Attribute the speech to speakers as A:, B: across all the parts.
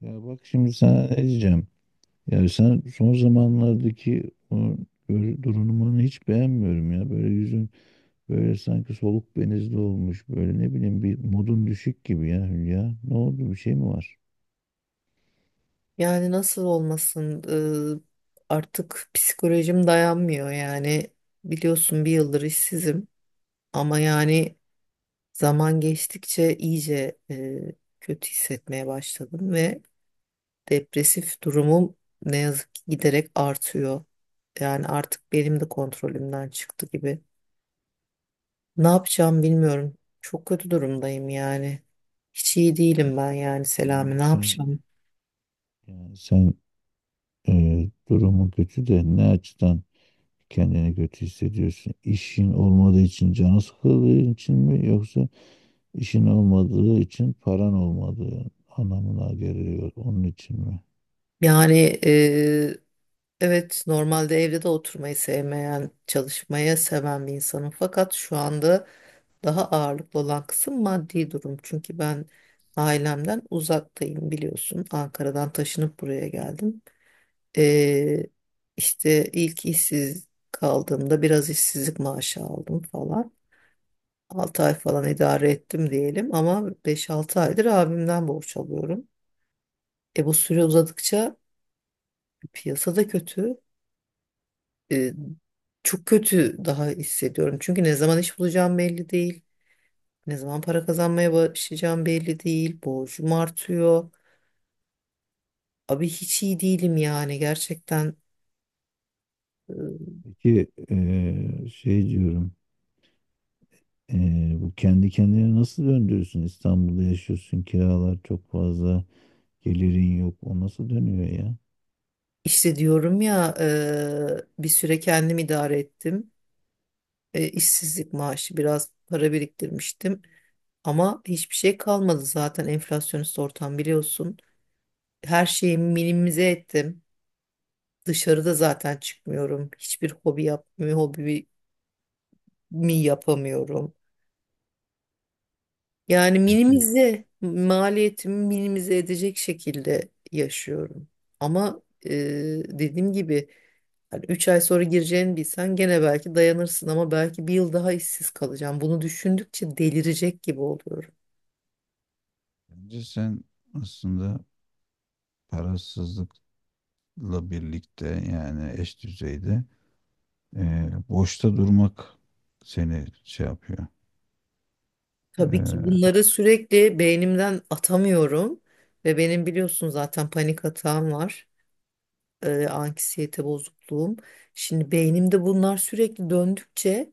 A: Ya bak şimdi sana ne diyeceğim. Yani sen son zamanlardaki o durumunu hiç beğenmiyorum ya. Böyle yüzün böyle sanki soluk benizli olmuş. Böyle ne bileyim, bir modun düşük gibi ya Hülya. Ne oldu, bir şey mi var?
B: Yani nasıl olmasın? Artık psikolojim dayanmıyor yani. Biliyorsun bir yıldır işsizim ama yani zaman geçtikçe iyice kötü hissetmeye başladım ve depresif durumum ne yazık ki giderek artıyor. Yani artık benim de kontrolümden çıktı gibi. Ne yapacağım bilmiyorum. Çok kötü durumdayım yani. Hiç iyi değilim ben yani Selami.
A: Yani
B: Ne
A: sen
B: yapacağım?
A: yani sen durumun kötü de ne açıdan kendini kötü hissediyorsun? İşin olmadığı için canı sıkıldığı için mi, yoksa işin olmadığı için paran olmadığı anlamına geliyor onun için mi?
B: Yani evet, normalde evde de oturmayı sevmeyen, çalışmayı seven bir insanım. Fakat şu anda daha ağırlıklı olan kısım maddi durum. Çünkü ben ailemden uzaktayım biliyorsun. Ankara'dan taşınıp buraya geldim. Ee, işte ilk işsiz kaldığımda biraz işsizlik maaşı aldım falan. 6 ay falan idare ettim diyelim ama beş altı aydır abimden borç alıyorum. E bu süre uzadıkça piyasada kötü. e, Çok kötü daha hissediyorum. Çünkü ne zaman iş bulacağım belli değil. Ne zaman para kazanmaya başlayacağım belli değil. Borcum artıyor. Abi hiç iyi değilim yani gerçekten. e,
A: Peki şey diyorum, bu kendi kendine nasıl döndürürsün? İstanbul'da yaşıyorsun, kiralar çok fazla, gelirin yok, o nasıl dönüyor ya?
B: İşte diyorum ya, bir süre kendim idare ettim. E, işsizlik maaşı biraz para biriktirmiştim. Ama hiçbir şey kalmadı zaten enflasyonist ortam biliyorsun. Her şeyi minimize ettim. Dışarıda zaten çıkmıyorum. Hiçbir hobi yapmıyorum. Hobi mi yapamıyorum? Yani
A: Peki
B: minimize, maliyetimi minimize edecek şekilde yaşıyorum. Ama dediğim gibi yani 3 ay sonra gireceğini bilsen gene belki dayanırsın ama belki bir yıl daha işsiz kalacağım. Bunu düşündükçe delirecek gibi oluyorum.
A: bence sen aslında parasızlıkla birlikte, yani eş düzeyde, boşta durmak seni şey yapıyor.
B: Tabii ki
A: E,
B: bunları sürekli beynimden atamıyorum ve benim biliyorsun zaten panik atağım var. E, anksiyete bozukluğum. Şimdi beynimde bunlar sürekli döndükçe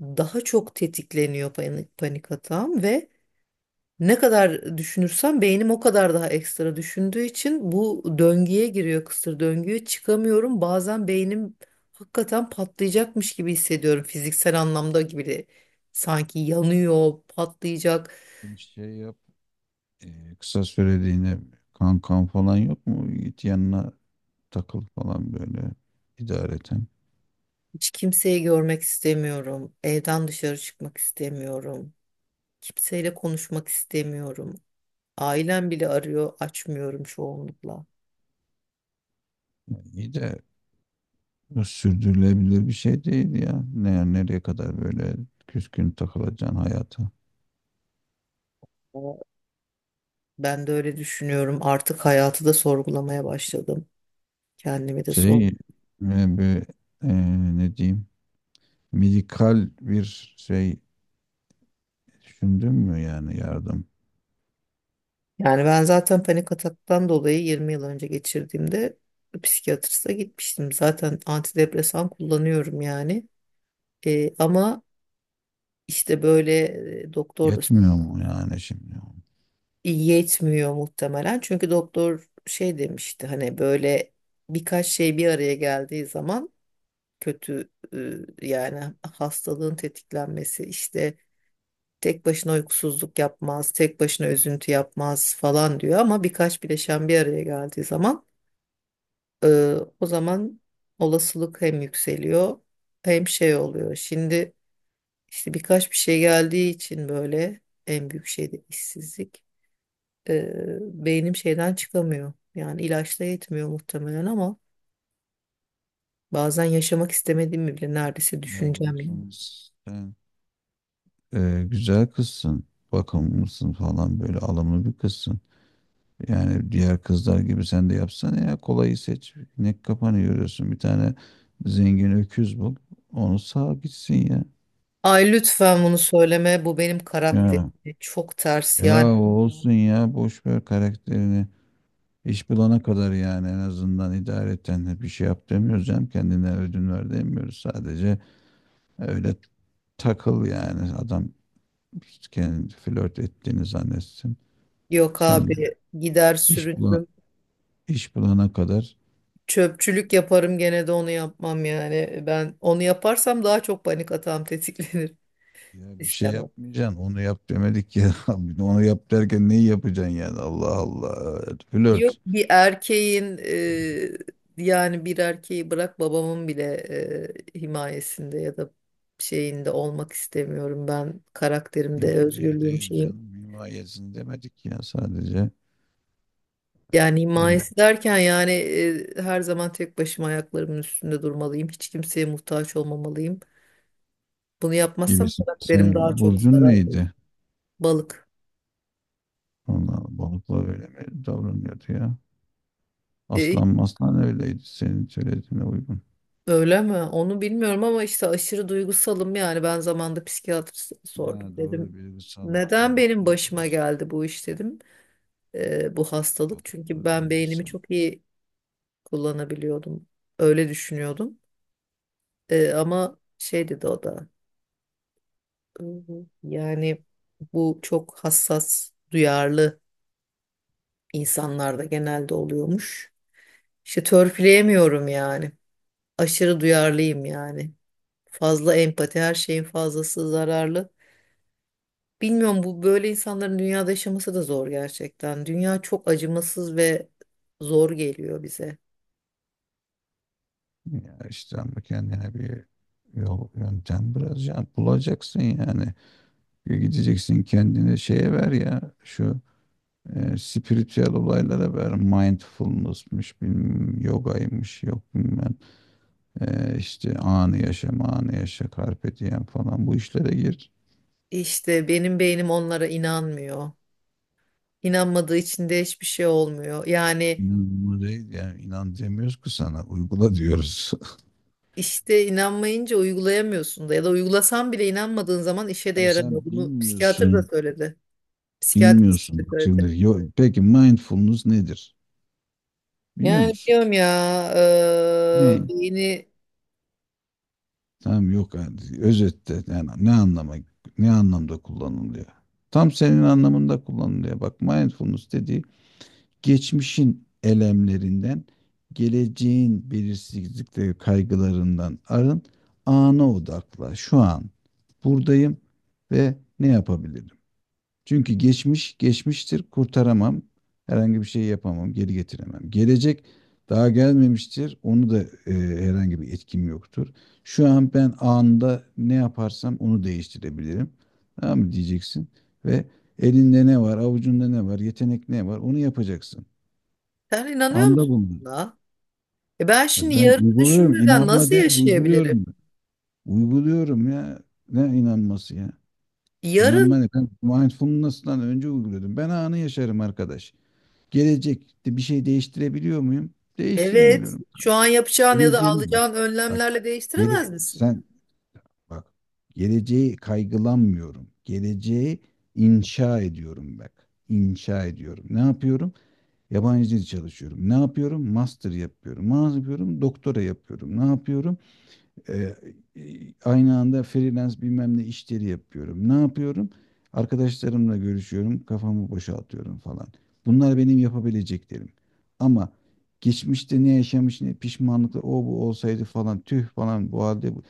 B: daha çok tetikleniyor panik, panik hatam ve ne kadar düşünürsem beynim o kadar daha ekstra düşündüğü için bu döngüye giriyor kısır döngüye çıkamıyorum. Bazen beynim hakikaten patlayacakmış gibi hissediyorum fiziksel anlamda gibi de sanki yanıyor, patlayacak.
A: Bir şey yap, kısa süreliğine kankan falan yok mu? Git yanına takıl falan, böyle idareten.
B: Hiç kimseyi görmek istemiyorum. Evden dışarı çıkmak istemiyorum. Kimseyle konuşmak istemiyorum. Ailem bile arıyor, açmıyorum çoğunlukla.
A: Yani iyi de bu sürdürülebilir bir şey değil ya. Ne, nereye kadar böyle küskün takılacaksın hayata?
B: Ben de öyle düşünüyorum. Artık hayatı da sorgulamaya başladım. Kendimi de sor.
A: Şey, e, bir, e, Ne diyeyim, medikal bir şey düşündün mü, yani yardım?
B: Yani ben zaten panik ataktan dolayı 20 yıl önce geçirdiğimde psikiyatriste gitmiştim. Zaten antidepresan kullanıyorum yani. Ama işte böyle, doktor da
A: Yetmiyor mu yani şimdi?
B: yetmiyor muhtemelen. Çünkü doktor şey demişti hani böyle birkaç şey bir araya geldiği zaman kötü, yani hastalığın tetiklenmesi işte. Tek başına uykusuzluk yapmaz, tek başına üzüntü yapmaz falan diyor ama birkaç bileşen bir araya geldiği zaman e, o zaman olasılık hem yükseliyor hem şey oluyor. Şimdi işte birkaç bir şey geldiği için böyle en büyük şey de işsizlik. E, Beynim şeyden çıkamıyor. Yani ilaçla yetmiyor muhtemelen ama bazen yaşamak istemediğimi bile neredeyse
A: Ya bak
B: düşüneceğim yani.
A: şimdi, sen güzel kızsın, bakımlısın falan, böyle alımlı bir kızsın. Yani diğer kızlar gibi sen de yapsana ya, kolayı seç. Ne kafanı yoruyorsun? Bir tane zengin öküz bul. Onu sağ gitsin ya.
B: Ay lütfen bunu söyleme. Bu benim karakterim.
A: Ya,
B: Çok ters
A: yani
B: yani.
A: ya o olsun ya boş ver karakterini. İş bulana kadar, yani en azından idareten bir şey yap demiyoruz canım. Kendine ödün ver demiyoruz. Sadece öyle takıl yani. Adam kendi flört ettiğini zannetsin.
B: Yok
A: Sen de
B: abi gider
A: iş bulan,
B: sürünürüm.
A: iş bulana kadar
B: Çöpçülük yaparım gene de onu yapmam yani. Ben onu yaparsam daha çok panik atağım tetiklenir.
A: ya bir şey
B: İstemem.
A: yapmayacaksın. Onu yap demedik ya. Bir de onu yap derken neyi yapacaksın yani? Allah Allah.
B: Yok
A: Flört.
B: bir erkeğin yani bir erkeği bırak babamın bile himayesinde ya da şeyinde olmak istemiyorum. Ben karakterimde
A: Himaye
B: özgürlüğüm
A: değil
B: şeyim.
A: canım. Himayesini demedik ya, sadece.
B: Yani
A: Ne bileyim.
B: himayesi derken yani, her zaman tek başıma ayaklarımın üstünde durmalıyım. Hiç kimseye muhtaç olmamalıyım. Bunu yapmazsam
A: Gibisin.
B: karakterim daha
A: Senin
B: çok
A: burcun
B: zarar görür.
A: neydi?
B: Balık.
A: Vallahi balıklar öyle mi davranıyordu ya?
B: E,
A: Aslan maslan öyleydi, senin söylediğine uygun.
B: öyle mi? Onu bilmiyorum ama işte aşırı duygusalım yani. Ben zamanında psikiyatriste sordum.
A: Ha, doğru,
B: Dedim
A: duygusal
B: neden benim
A: balıklar.
B: başıma geldi bu iş dedim. E, bu hastalık. Çünkü
A: Balıklar
B: ben beynimi
A: duygusal.
B: çok iyi kullanabiliyordum. Öyle düşünüyordum. E, ama şey dedi o da. "Hı, yani bu çok hassas, duyarlı insanlarda genelde oluyormuş. İşte törpüleyemiyorum yani. Aşırı duyarlıyım yani. Fazla empati, her şeyin fazlası zararlı. Bilmiyorum bu böyle insanların dünyada yaşaması da zor gerçekten. Dünya çok acımasız ve zor geliyor bize.
A: Ya işte, ama kendine bir yol yöntem biraz ya bulacaksın yani. Bir gideceksin, kendini şeye ver ya, şu spiritüel olaylara ver. Mindfulness'mış, bilmem yogaymış, yok bilmem. İşte anı yaşa, anı yaşa, carpe diem falan, bu işlere gir.
B: İşte benim beynim onlara inanmıyor. İnanmadığı için de hiçbir şey olmuyor. Yani
A: İnanma değil, yani inan demiyoruz ki, sana uygula diyoruz.
B: işte inanmayınca uygulayamıyorsun da ya da uygulasan bile inanmadığın zaman işe de
A: Ya
B: yaramıyor.
A: sen
B: Bunu psikiyatr da
A: bilmiyorsun,
B: söyledi. Psikiyatrist
A: bilmiyorsun.
B: de
A: Bak
B: söyledi.
A: şimdi, peki mindfulness nedir? Biliyor
B: Yani
A: musun?
B: biliyorum ya
A: Ne?
B: beyni
A: Tamam, yok yani, özette yani ne anlamda kullanılıyor? Tam senin anlamında kullanılıyor. Bak, mindfulness dediği, geçmişin elemlerinden, geleceğin belirsizlikleri, kaygılarından arın, ana odakla. Şu an buradayım ve ne yapabilirim? Çünkü geçmiş geçmiştir, kurtaramam. Herhangi bir şey yapamam, geri getiremem. Gelecek daha gelmemiştir. Onu da e, herhangi bir etkim yoktur. Şu an ben anında ne yaparsam onu değiştirebilirim. Tamam mı diyeceksin, ve elinde ne var, avucunda ne var, yetenek ne var, onu yapacaksın.
B: sen inanıyor
A: Anda
B: musun
A: bulunur.
B: buna? E Ben
A: E,
B: şimdi
A: ben
B: yarını
A: uyguluyorum.
B: düşünmeden
A: İnanma
B: nasıl
A: değil, uyguluyorum.
B: yaşayabilirim?
A: Uyguluyorum ya. Ne inanması ya?
B: Yarın
A: İnanma ne? Ben mindfulness'tan önce uyguluyordum. Ben anı yaşarım arkadaş. Gelecekte bir şey değiştirebiliyor muyum?
B: evet
A: Değiştiremiyorum.
B: şu an yapacağın ya da
A: Geleceğimi, bak.
B: alacağın
A: Bak.
B: önlemlerle değiştiremez misin?
A: Sen bak. Geleceği kaygılanmıyorum. Geleceği inşa ediyorum, bak. İnşa ediyorum. Ne yapıyorum? Yabancı dil çalışıyorum. Ne yapıyorum? Master yapıyorum. Ne yapıyorum? Doktora yapıyorum. Ne yapıyorum? Ee, e, aynı anda freelance bilmem ne işleri yapıyorum. Ne yapıyorum? Arkadaşlarımla görüşüyorum, kafamı boşaltıyorum falan. Bunlar benim yapabileceklerim. Ama geçmişte ne yaşamış, ne pişmanlıklar, o bu olsaydı falan, tüh falan, bu halde.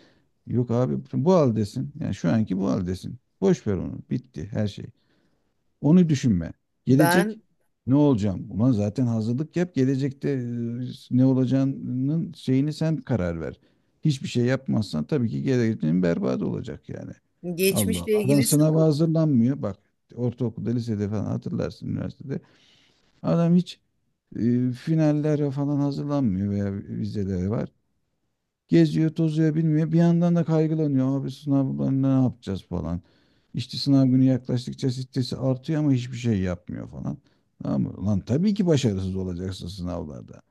A: Yok abi, bu haldesin. Yani şu anki bu haldesin. Boş ver onu. Bitti her şey. Onu düşünme. Gelecek
B: Ben
A: ne olacağım? Ulan zaten hazırlık yap. Gelecekte ne olacağının şeyini sen karar ver. Hiçbir şey yapmazsan tabii ki geleceğin berbat olacak yani. Allah
B: geçmişle
A: Allah. Adam
B: ilgili
A: sınava
B: sıkı
A: hazırlanmıyor. Bak, ortaokulda, lisede falan hatırlarsın, üniversitede. Adam hiç finallere falan hazırlanmıyor veya vizelere var. Geziyor, tozuyor, bilmiyor. Bir yandan da kaygılanıyor. Abi sınavlarında ne yapacağız falan. İşte sınav günü yaklaştıkça stresi artıyor ama hiçbir şey yapmıyor falan. Tamam mı? Lan tabii ki başarısız olacaksın sınavlarda.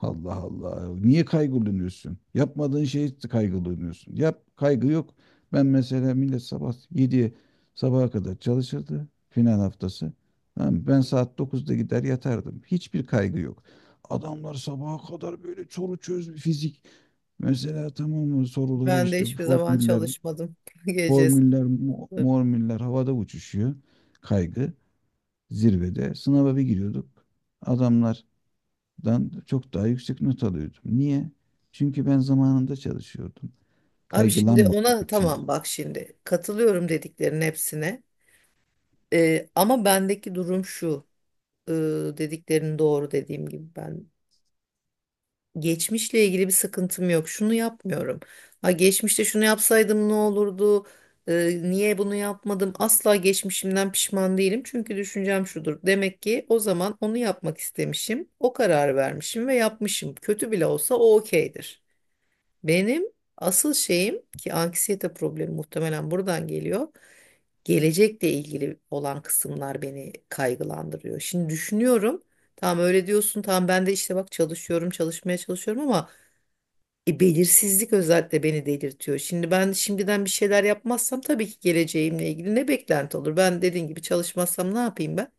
A: Allah Allah. Niye kaygılanıyorsun? Yapmadığın şey kaygılanıyorsun. Yap, kaygı yok. Ben mesela, millet sabah 7'ye sabaha kadar çalışırdı. Final haftası. Tamam mı? Ben saat 9'da gider yatardım. Hiçbir kaygı yok. Adamlar sabaha kadar böyle soru çöz fizik. Mesela tamam mı, soruları
B: ben de
A: işte
B: hiçbir zaman
A: formüller,
B: çalışmadım gece
A: formüller,
B: sıfır.
A: mormüller havada uçuşuyor. Kaygı zirvede. Sınava bir giriyorduk. Adamlardan çok daha yüksek not alıyordum. Niye? Çünkü ben zamanında çalışıyordum.
B: Abi şimdi
A: Kaygılanmamak
B: ona
A: için.
B: tamam bak şimdi katılıyorum dediklerin hepsine. Ama bendeki durum şu e, dediklerin doğru dediğim gibi ben geçmişle ilgili bir sıkıntım yok. Şunu yapmıyorum. Ha geçmişte şunu yapsaydım ne olurdu? Niye bunu yapmadım? Asla geçmişimden pişman değilim. Çünkü düşüncem şudur. Demek ki o zaman onu yapmak istemişim. O karar vermişim ve yapmışım. Kötü bile olsa o okeydir. Benim asıl şeyim ki anksiyete problemi muhtemelen buradan geliyor. Gelecekle ilgili olan kısımlar beni kaygılandırıyor. Şimdi düşünüyorum. Tamam öyle diyorsun. Tamam ben de işte bak çalışıyorum, çalışmaya çalışıyorum ama belirsizlik özellikle beni delirtiyor. Şimdi ben şimdiden bir şeyler yapmazsam tabii ki geleceğimle ilgili ne beklenti olur? Ben dediğin gibi çalışmazsam ne yapayım ben?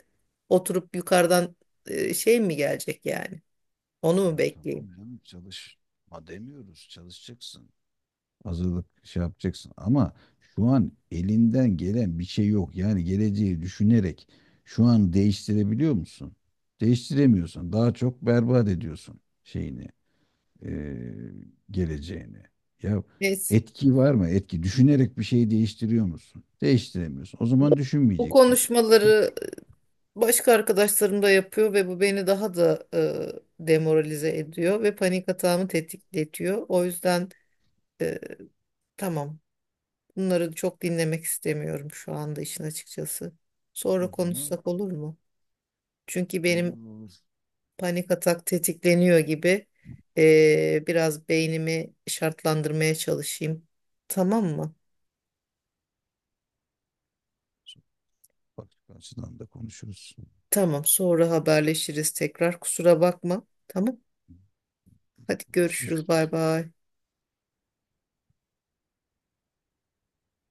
B: Oturup yukarıdan şey mi gelecek yani? Onu mu
A: Ya
B: bekleyeyim?
A: tamam canım, çalışma demiyoruz, çalışacaksın. Hazırlık şey yapacaksın, ama şu an elinden gelen bir şey yok. Yani geleceği düşünerek şu an değiştirebiliyor musun? Değiştiremiyorsun. Daha çok berbat ediyorsun şeyini, eee, geleceğini. Ya
B: Neyse.
A: etki var mı? Etki. Düşünerek bir şeyi değiştiriyor musun? Değiştiremiyorsun. O
B: Bu
A: zaman
B: bu
A: düşünmeyeceksin.
B: konuşmaları başka arkadaşlarım da yapıyor ve bu beni daha da demoralize ediyor ve panik atağımı tetikletiyor. O yüzden e, tamam bunları çok dinlemek istemiyorum şu anda işin açıkçası. Sonra
A: O zaman
B: konuşsak olur mu? Çünkü benim
A: olur olur.
B: panik atak tetikleniyor gibi, biraz beynimi şartlandırmaya çalışayım. Tamam mı?
A: Bak açıdan da konuşuruz.
B: Tamam sonra haberleşiriz tekrar kusura bakma. Tamam hadi
A: Konuşuruz.
B: görüşürüz bay bay.